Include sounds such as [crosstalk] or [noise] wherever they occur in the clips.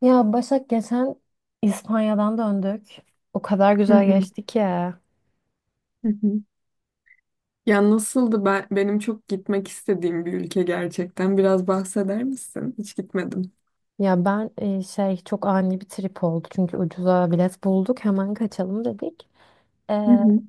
Ya Başak geçen İspanya'dan döndük. O kadar Hı güzel hı, geçti ki. hı hı. Ya nasıldı benim çok gitmek istediğim bir ülke gerçekten. Biraz bahseder misin? Hiç gitmedim. Ya ben e, şey çok ani bir trip oldu. Çünkü ucuza bilet bulduk. Hemen kaçalım dedik. E, Hı hı,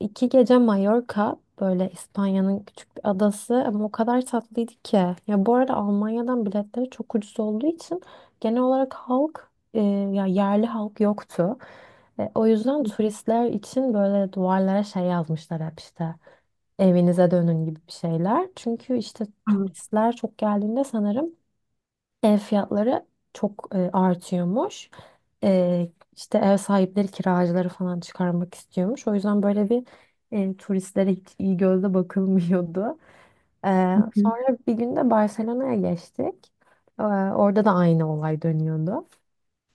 İki gece Mallorca böyle İspanya'nın küçük bir adası ama o kadar tatlıydı ki. Ya bu arada Almanya'dan biletleri çok ucuz olduğu için genel olarak halk e, ya yerli halk yoktu. O yüzden hı turistler için böyle duvarlara şey yazmışlar hep işte evinize dönün gibi bir şeyler. Çünkü işte hı, turistler çok geldiğinde sanırım ev fiyatları çok artıyormuş. E, işte ev sahipleri kiracıları falan çıkarmak istiyormuş. O yüzden turistlere hiç iyi gözle bakılmıyordu. E, Sonra bir gün de Barcelona'ya geçtik. Orada da aynı olay dönüyordu.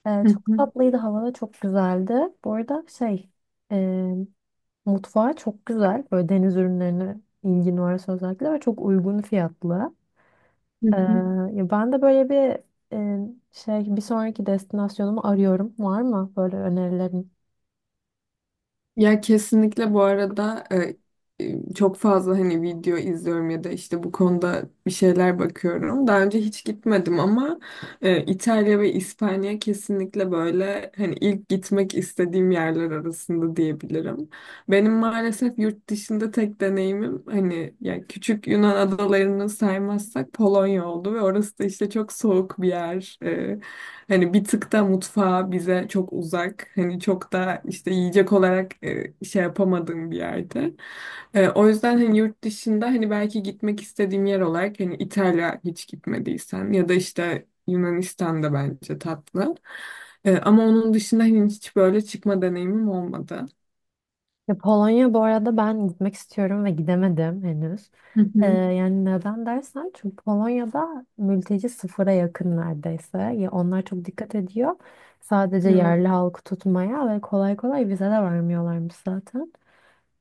Hı Çok hı, tatlıydı, hava da çok güzeldi. Bu arada şey e, Mutfağı çok güzel. Böyle deniz ürünlerine ilgin varsa özellikle ve çok uygun fiyatlı. hı Ee, hı. Ya ben de böyle bir e, şey bir sonraki destinasyonumu arıyorum. Var mı böyle önerilerin? Ya kesinlikle bu arada çok fazla hani video izliyorum ya da işte bu konuda bir şeyler bakıyorum. Daha önce hiç gitmedim ama İtalya ve İspanya kesinlikle böyle hani ilk gitmek istediğim yerler arasında diyebilirim. Benim maalesef yurt dışında tek deneyimim hani ya küçük Yunan adalarını saymazsak Polonya oldu ve orası da işte çok soğuk bir yer. Hani bir tık da mutfağı bize çok uzak. Hani çok da işte yiyecek olarak şey yapamadığım bir yerde. O yüzden hani yurt dışında hani belki gitmek istediğim yer olarak hani İtalya hiç gitmediysen ya da işte Yunanistan da bence tatlı. Ama onun dışında hani hiç böyle çıkma deneyimim olmadı. Ya Polonya bu arada ben gitmek istiyorum ve gidemedim henüz. Hı hı, Yani neden dersen çünkü Polonya'da mülteci sıfıra yakın neredeyse. Ya onlar çok dikkat ediyor. Sadece yerli halkı tutmaya ve kolay kolay vize de vermiyorlarmış zaten.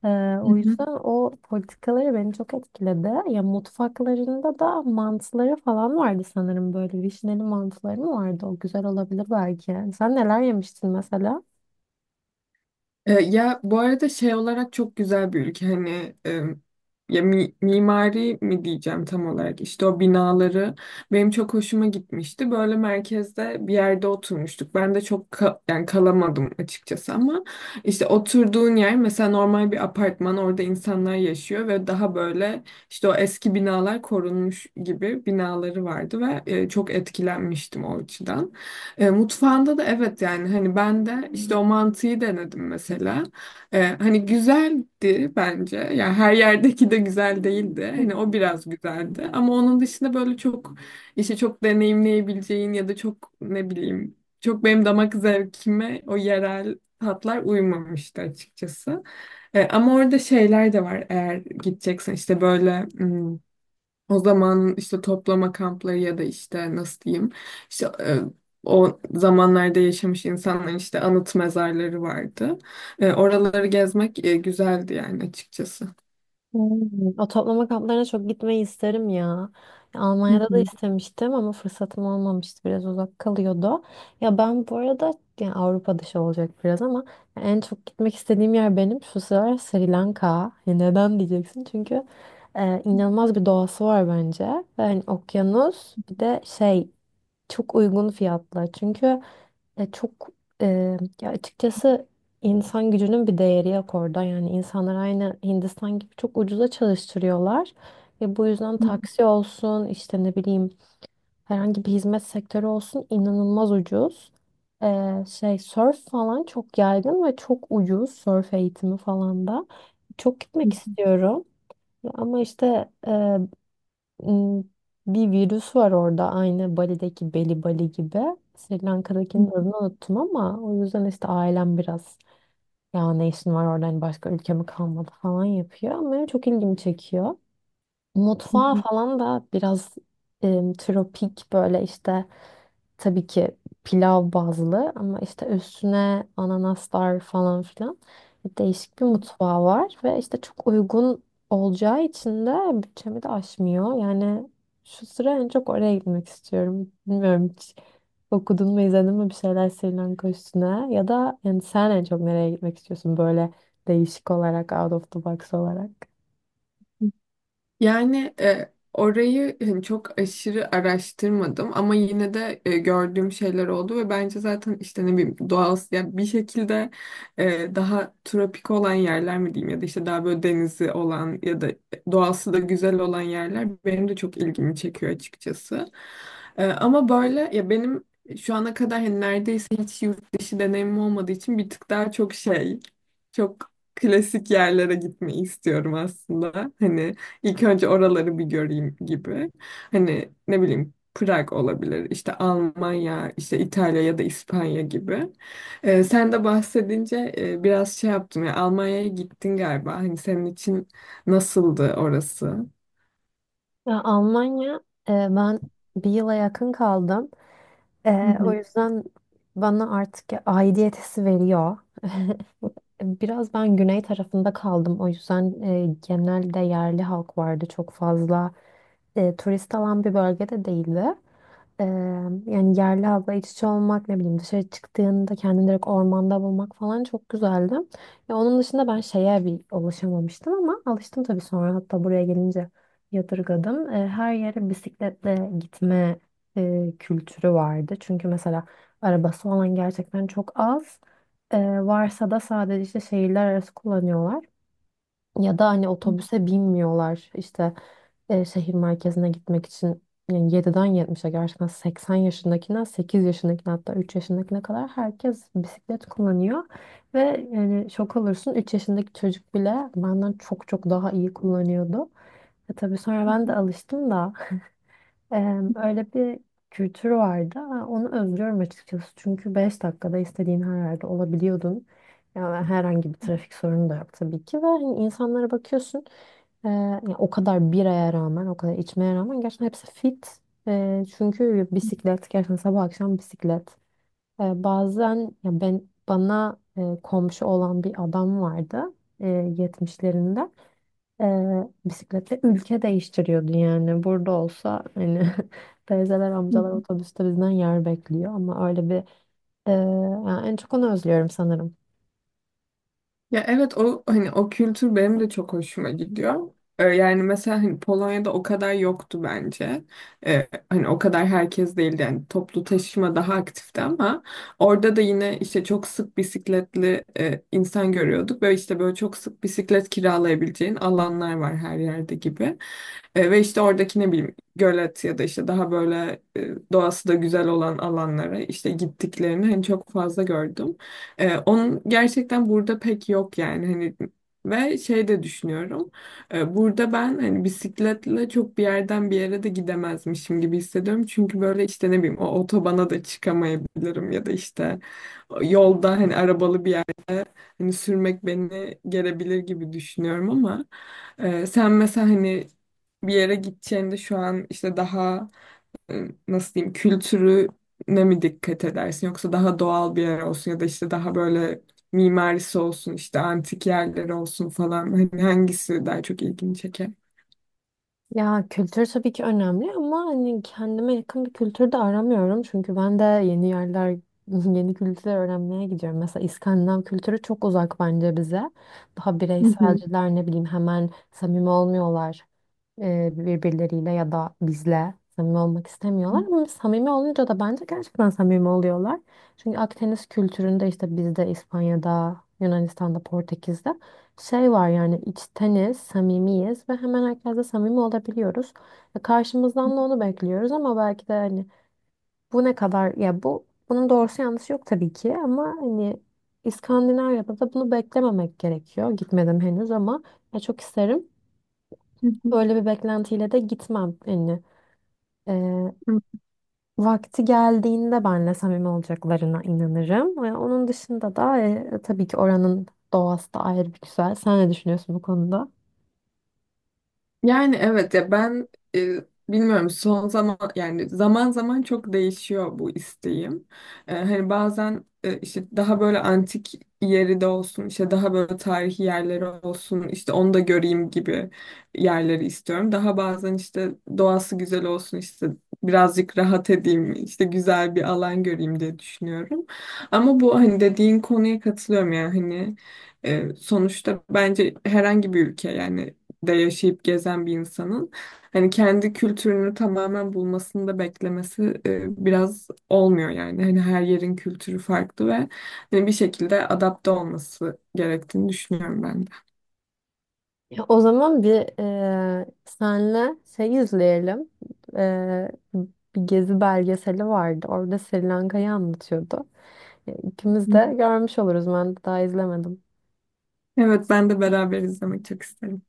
Ee, O evet. yüzden o politikaları beni çok etkiledi. Ya mutfaklarında da mantıları falan vardı sanırım böyle vişneli mantıları mı vardı? O güzel olabilir belki. Sen neler yemiştin mesela? Ya bu arada şey olarak çok güzel bir ülke hani ya mimari mi diyeceğim tam olarak işte o binaları benim çok hoşuma gitmişti. Böyle merkezde bir yerde oturmuştuk. Ben de çok yani kalamadım açıkçası ama işte oturduğun yer mesela normal bir apartman orada insanlar yaşıyor ve daha böyle işte o eski binalar korunmuş gibi binaları vardı ve çok etkilenmiştim o açıdan. Mutfağında da evet yani hani ben de işte o mantıyı denedim mesela. Hani güzeldi bence. Yani her yerdeki de güzel değildi. Hani o biraz güzeldi. Ama onun dışında böyle çok işte çok deneyimleyebileceğin ya da çok ne bileyim çok benim damak zevkime o yerel tatlar uymamıştı açıkçası. Ama orada şeyler de var eğer gideceksen işte böyle o zaman işte toplama kampları ya da işte nasıl diyeyim işte o zamanlarda yaşamış insanların işte anıt mezarları vardı. Oraları gezmek güzeldi yani açıkçası. Hmm, o toplama kamplarına çok gitmeyi isterim ya. Almanya'da da Hı istemiştim ama fırsatım olmamıştı. Biraz uzak kalıyordu. Ya ben bu arada yani Avrupa dışı olacak biraz ama en çok gitmek istediğim yer benim şu sıralar Sri Lanka. Ya neden diyeceksin? Çünkü inanılmaz bir doğası var bence. Yani okyanus bir de çok uygun fiyatlı. Çünkü e, çok e, ya açıkçası insan gücünün bir değeri yok orada. Yani insanlar aynı Hindistan gibi çok ucuza çalıştırıyorlar. Ve bu yüzden taksi olsun işte ne bileyim herhangi bir hizmet sektörü olsun inanılmaz ucuz. Surf falan çok yaygın ve çok ucuz surf eğitimi falan da. Çok gitmek istiyorum. Ama işte m, bir virüs var orada aynı Bali'deki Beli Bali gibi. Sri Lanka'dakinin adını unuttum ama o yüzden işte ailem biraz ya ne işin var orada hani başka ülke mi kalmadı falan yapıyor ama benim çok ilgimi çekiyor. Mutfağı hı. falan da biraz em, tropik böyle işte tabii ki pilav bazlı ama işte üstüne ananaslar falan filan değişik bir mutfağı var ve işte çok uygun olacağı için de bütçemi de aşmıyor. Yani şu sıra en çok oraya gitmek istiyorum. Bilmiyorum hiç okudun mu izledin mi bir şeyler Sri Lanka üstüne ya da yani sen en çok nereye gitmek istiyorsun böyle değişik olarak out of the box olarak? Yani orayı hani çok aşırı araştırmadım ama yine de gördüğüm şeyler oldu ve bence zaten işte ne bileyim doğal yani bir şekilde daha tropik olan yerler mi diyeyim ya da işte daha böyle denizi olan ya da doğası da güzel olan yerler benim de çok ilgimi çekiyor açıkçası. Ama böyle ya benim şu ana kadar hani neredeyse hiç yurt dışı deneyimim olmadığı için bir tık daha çok şey çok klasik yerlere gitmeyi istiyorum aslında. Hani İlk önce oraları bir göreyim gibi. Hani ne bileyim Prag olabilir, işte Almanya, işte İtalya ya da İspanya gibi. Sen de bahsedince biraz şey yaptım ya Almanya'ya gittin galiba. Hani senin için nasıldı orası? Ya Almanya, ben bir yıla yakın kaldım. Hı O hı. yüzden bana artık aidiyet hissi veriyor. [laughs] Biraz ben güney tarafında kaldım. O yüzden genelde yerli halk vardı çok fazla. Turist alan bir bölgede değildi. Ee, Yani yerli halkla iç içe olmak ne bileyim dışarı çıktığında kendini direkt ormanda bulmak falan çok güzeldi. Ya onun dışında ben şeye bir alışamamıştım ama alıştım tabii sonra hatta buraya gelince yadırgadım. Her yere bisikletle gitme kültürü vardı. Çünkü mesela arabası olan gerçekten çok az. Ee, Varsa da sadece işte şehirler arası kullanıyorlar. Ya da hani otobüse binmiyorlar işte şehir merkezine gitmek için yani 7'den 70'e gerçekten 80 yaşındakinden 8 yaşındakine hatta 3 yaşındakine kadar herkes bisiklet kullanıyor. Ve yani şok olursun 3 yaşındaki çocuk bile benden çok daha iyi kullanıyordu. E tabii sonra ben de alıştım da Eee, Öyle bir kültür vardı. Onu özlüyorum açıkçası. Çünkü 5 dakikada istediğin her yerde olabiliyordun. Yani herhangi bir trafik sorunu da yok tabii ki. Ve hani insanlara bakıyorsun. Yani o kadar biraya rağmen, o kadar içmeye rağmen gerçekten hepsi fit. Çünkü bisiklet, gerçekten sabah akşam bisiklet. Bazen ya ben bana komşu olan bir adam vardı, eee, 70'lerinde. Bisikletle ülke değiştiriyordu yani. Burada olsa hani [laughs] teyzeler, amcalar otobüste bizden yer bekliyor ama öyle bir e, Yani en çok onu özlüyorum sanırım. Ya evet o hani o kültür benim de çok hoşuma gidiyor. Yani mesela hani Polonya'da o kadar yoktu bence. Hani o kadar herkes değildi yani toplu taşıma daha aktifti ama orada da yine işte çok sık bisikletli insan görüyorduk ve işte böyle çok sık bisiklet kiralayabileceğin alanlar var her yerde gibi. Ve işte oradaki ne bileyim gölet ya da işte daha böyle doğası da güzel olan alanlara işte gittiklerini hani çok fazla gördüm. Onun gerçekten burada pek yok yani hani ve şey de düşünüyorum. Burada ben hani bisikletle çok bir yerden bir yere de gidemezmişim gibi hissediyorum. Çünkü böyle işte ne bileyim o otobana da çıkamayabilirim ya da işte yolda hani arabalı bir. Hani sürmek beni gelebilir gibi düşünüyorum ama sen mesela hani bir yere gideceğinde şu an işte daha nasıl diyeyim kültürüne mi dikkat edersin yoksa daha doğal bir yer olsun ya da işte daha böyle mimarisi olsun işte antik yerleri olsun falan hani hangisi daha çok ilgini çeker? Ya kültür tabii ki önemli ama hani kendime yakın bir kültür de aramıyorum. Çünkü ben de yeni yerler, [laughs] yeni kültürler öğrenmeye gidiyorum. Mesela İskandinav kültürü çok uzak bence bize. Daha Hı hı. bireyselciler ne bileyim hemen samimi olmuyorlar. Birbirleriyle ya da bizle samimi olmak istemiyorlar. Ama samimi olunca da bence gerçekten samimi oluyorlar. Çünkü Akdeniz kültüründe işte bizde İspanya'da, Yunanistan'da, Portekiz'de şey var yani içteniz, samimiyiz ve hemen herkesle samimi olabiliyoruz. Ya karşımızdan da onu bekliyoruz ama belki de hani bu ne kadar ya bu bunun doğrusu yanlışı yok tabii ki ama hani İskandinavya'da da bunu beklememek gerekiyor. Gitmedim henüz ama ya çok isterim. Hı Öyle bir beklentiyle de gitmem. Yani e, hı. vakti geldiğinde benle samimi olacaklarına inanırım. Ve onun dışında da tabii ki oranın doğası da ayrı bir güzel. Sen ne düşünüyorsun bu konuda? Yani evet ya ben e, bilmiyorum son zaman yani zaman zaman çok değişiyor bu isteğim. Hani bazen işte daha böyle antik yeri de olsun işte daha böyle tarihi yerleri olsun işte onu da göreyim gibi yerleri istiyorum. Daha bazen işte doğası güzel olsun işte birazcık rahat edeyim işte güzel bir alan göreyim diye düşünüyorum. Ama bu hani dediğin konuya katılıyorum yani hani sonuçta bence herhangi bir ülke yani de yaşayıp gezen bir insanın hani kendi kültürünü tamamen bulmasını da beklemesi biraz olmuyor yani. Hani her yerin kültürü farklı ve hani bir şekilde adapte olması gerektiğini düşünüyorum ben de. Ya o zaman bir senle şey izleyelim. Eee, Bir gezi belgeseli vardı. Orada Sri Lanka'yı anlatıyordu. Ya, İkimiz de görmüş oluruz. Ben daha izlemedim. Evet ben de beraber izlemek çok isterim.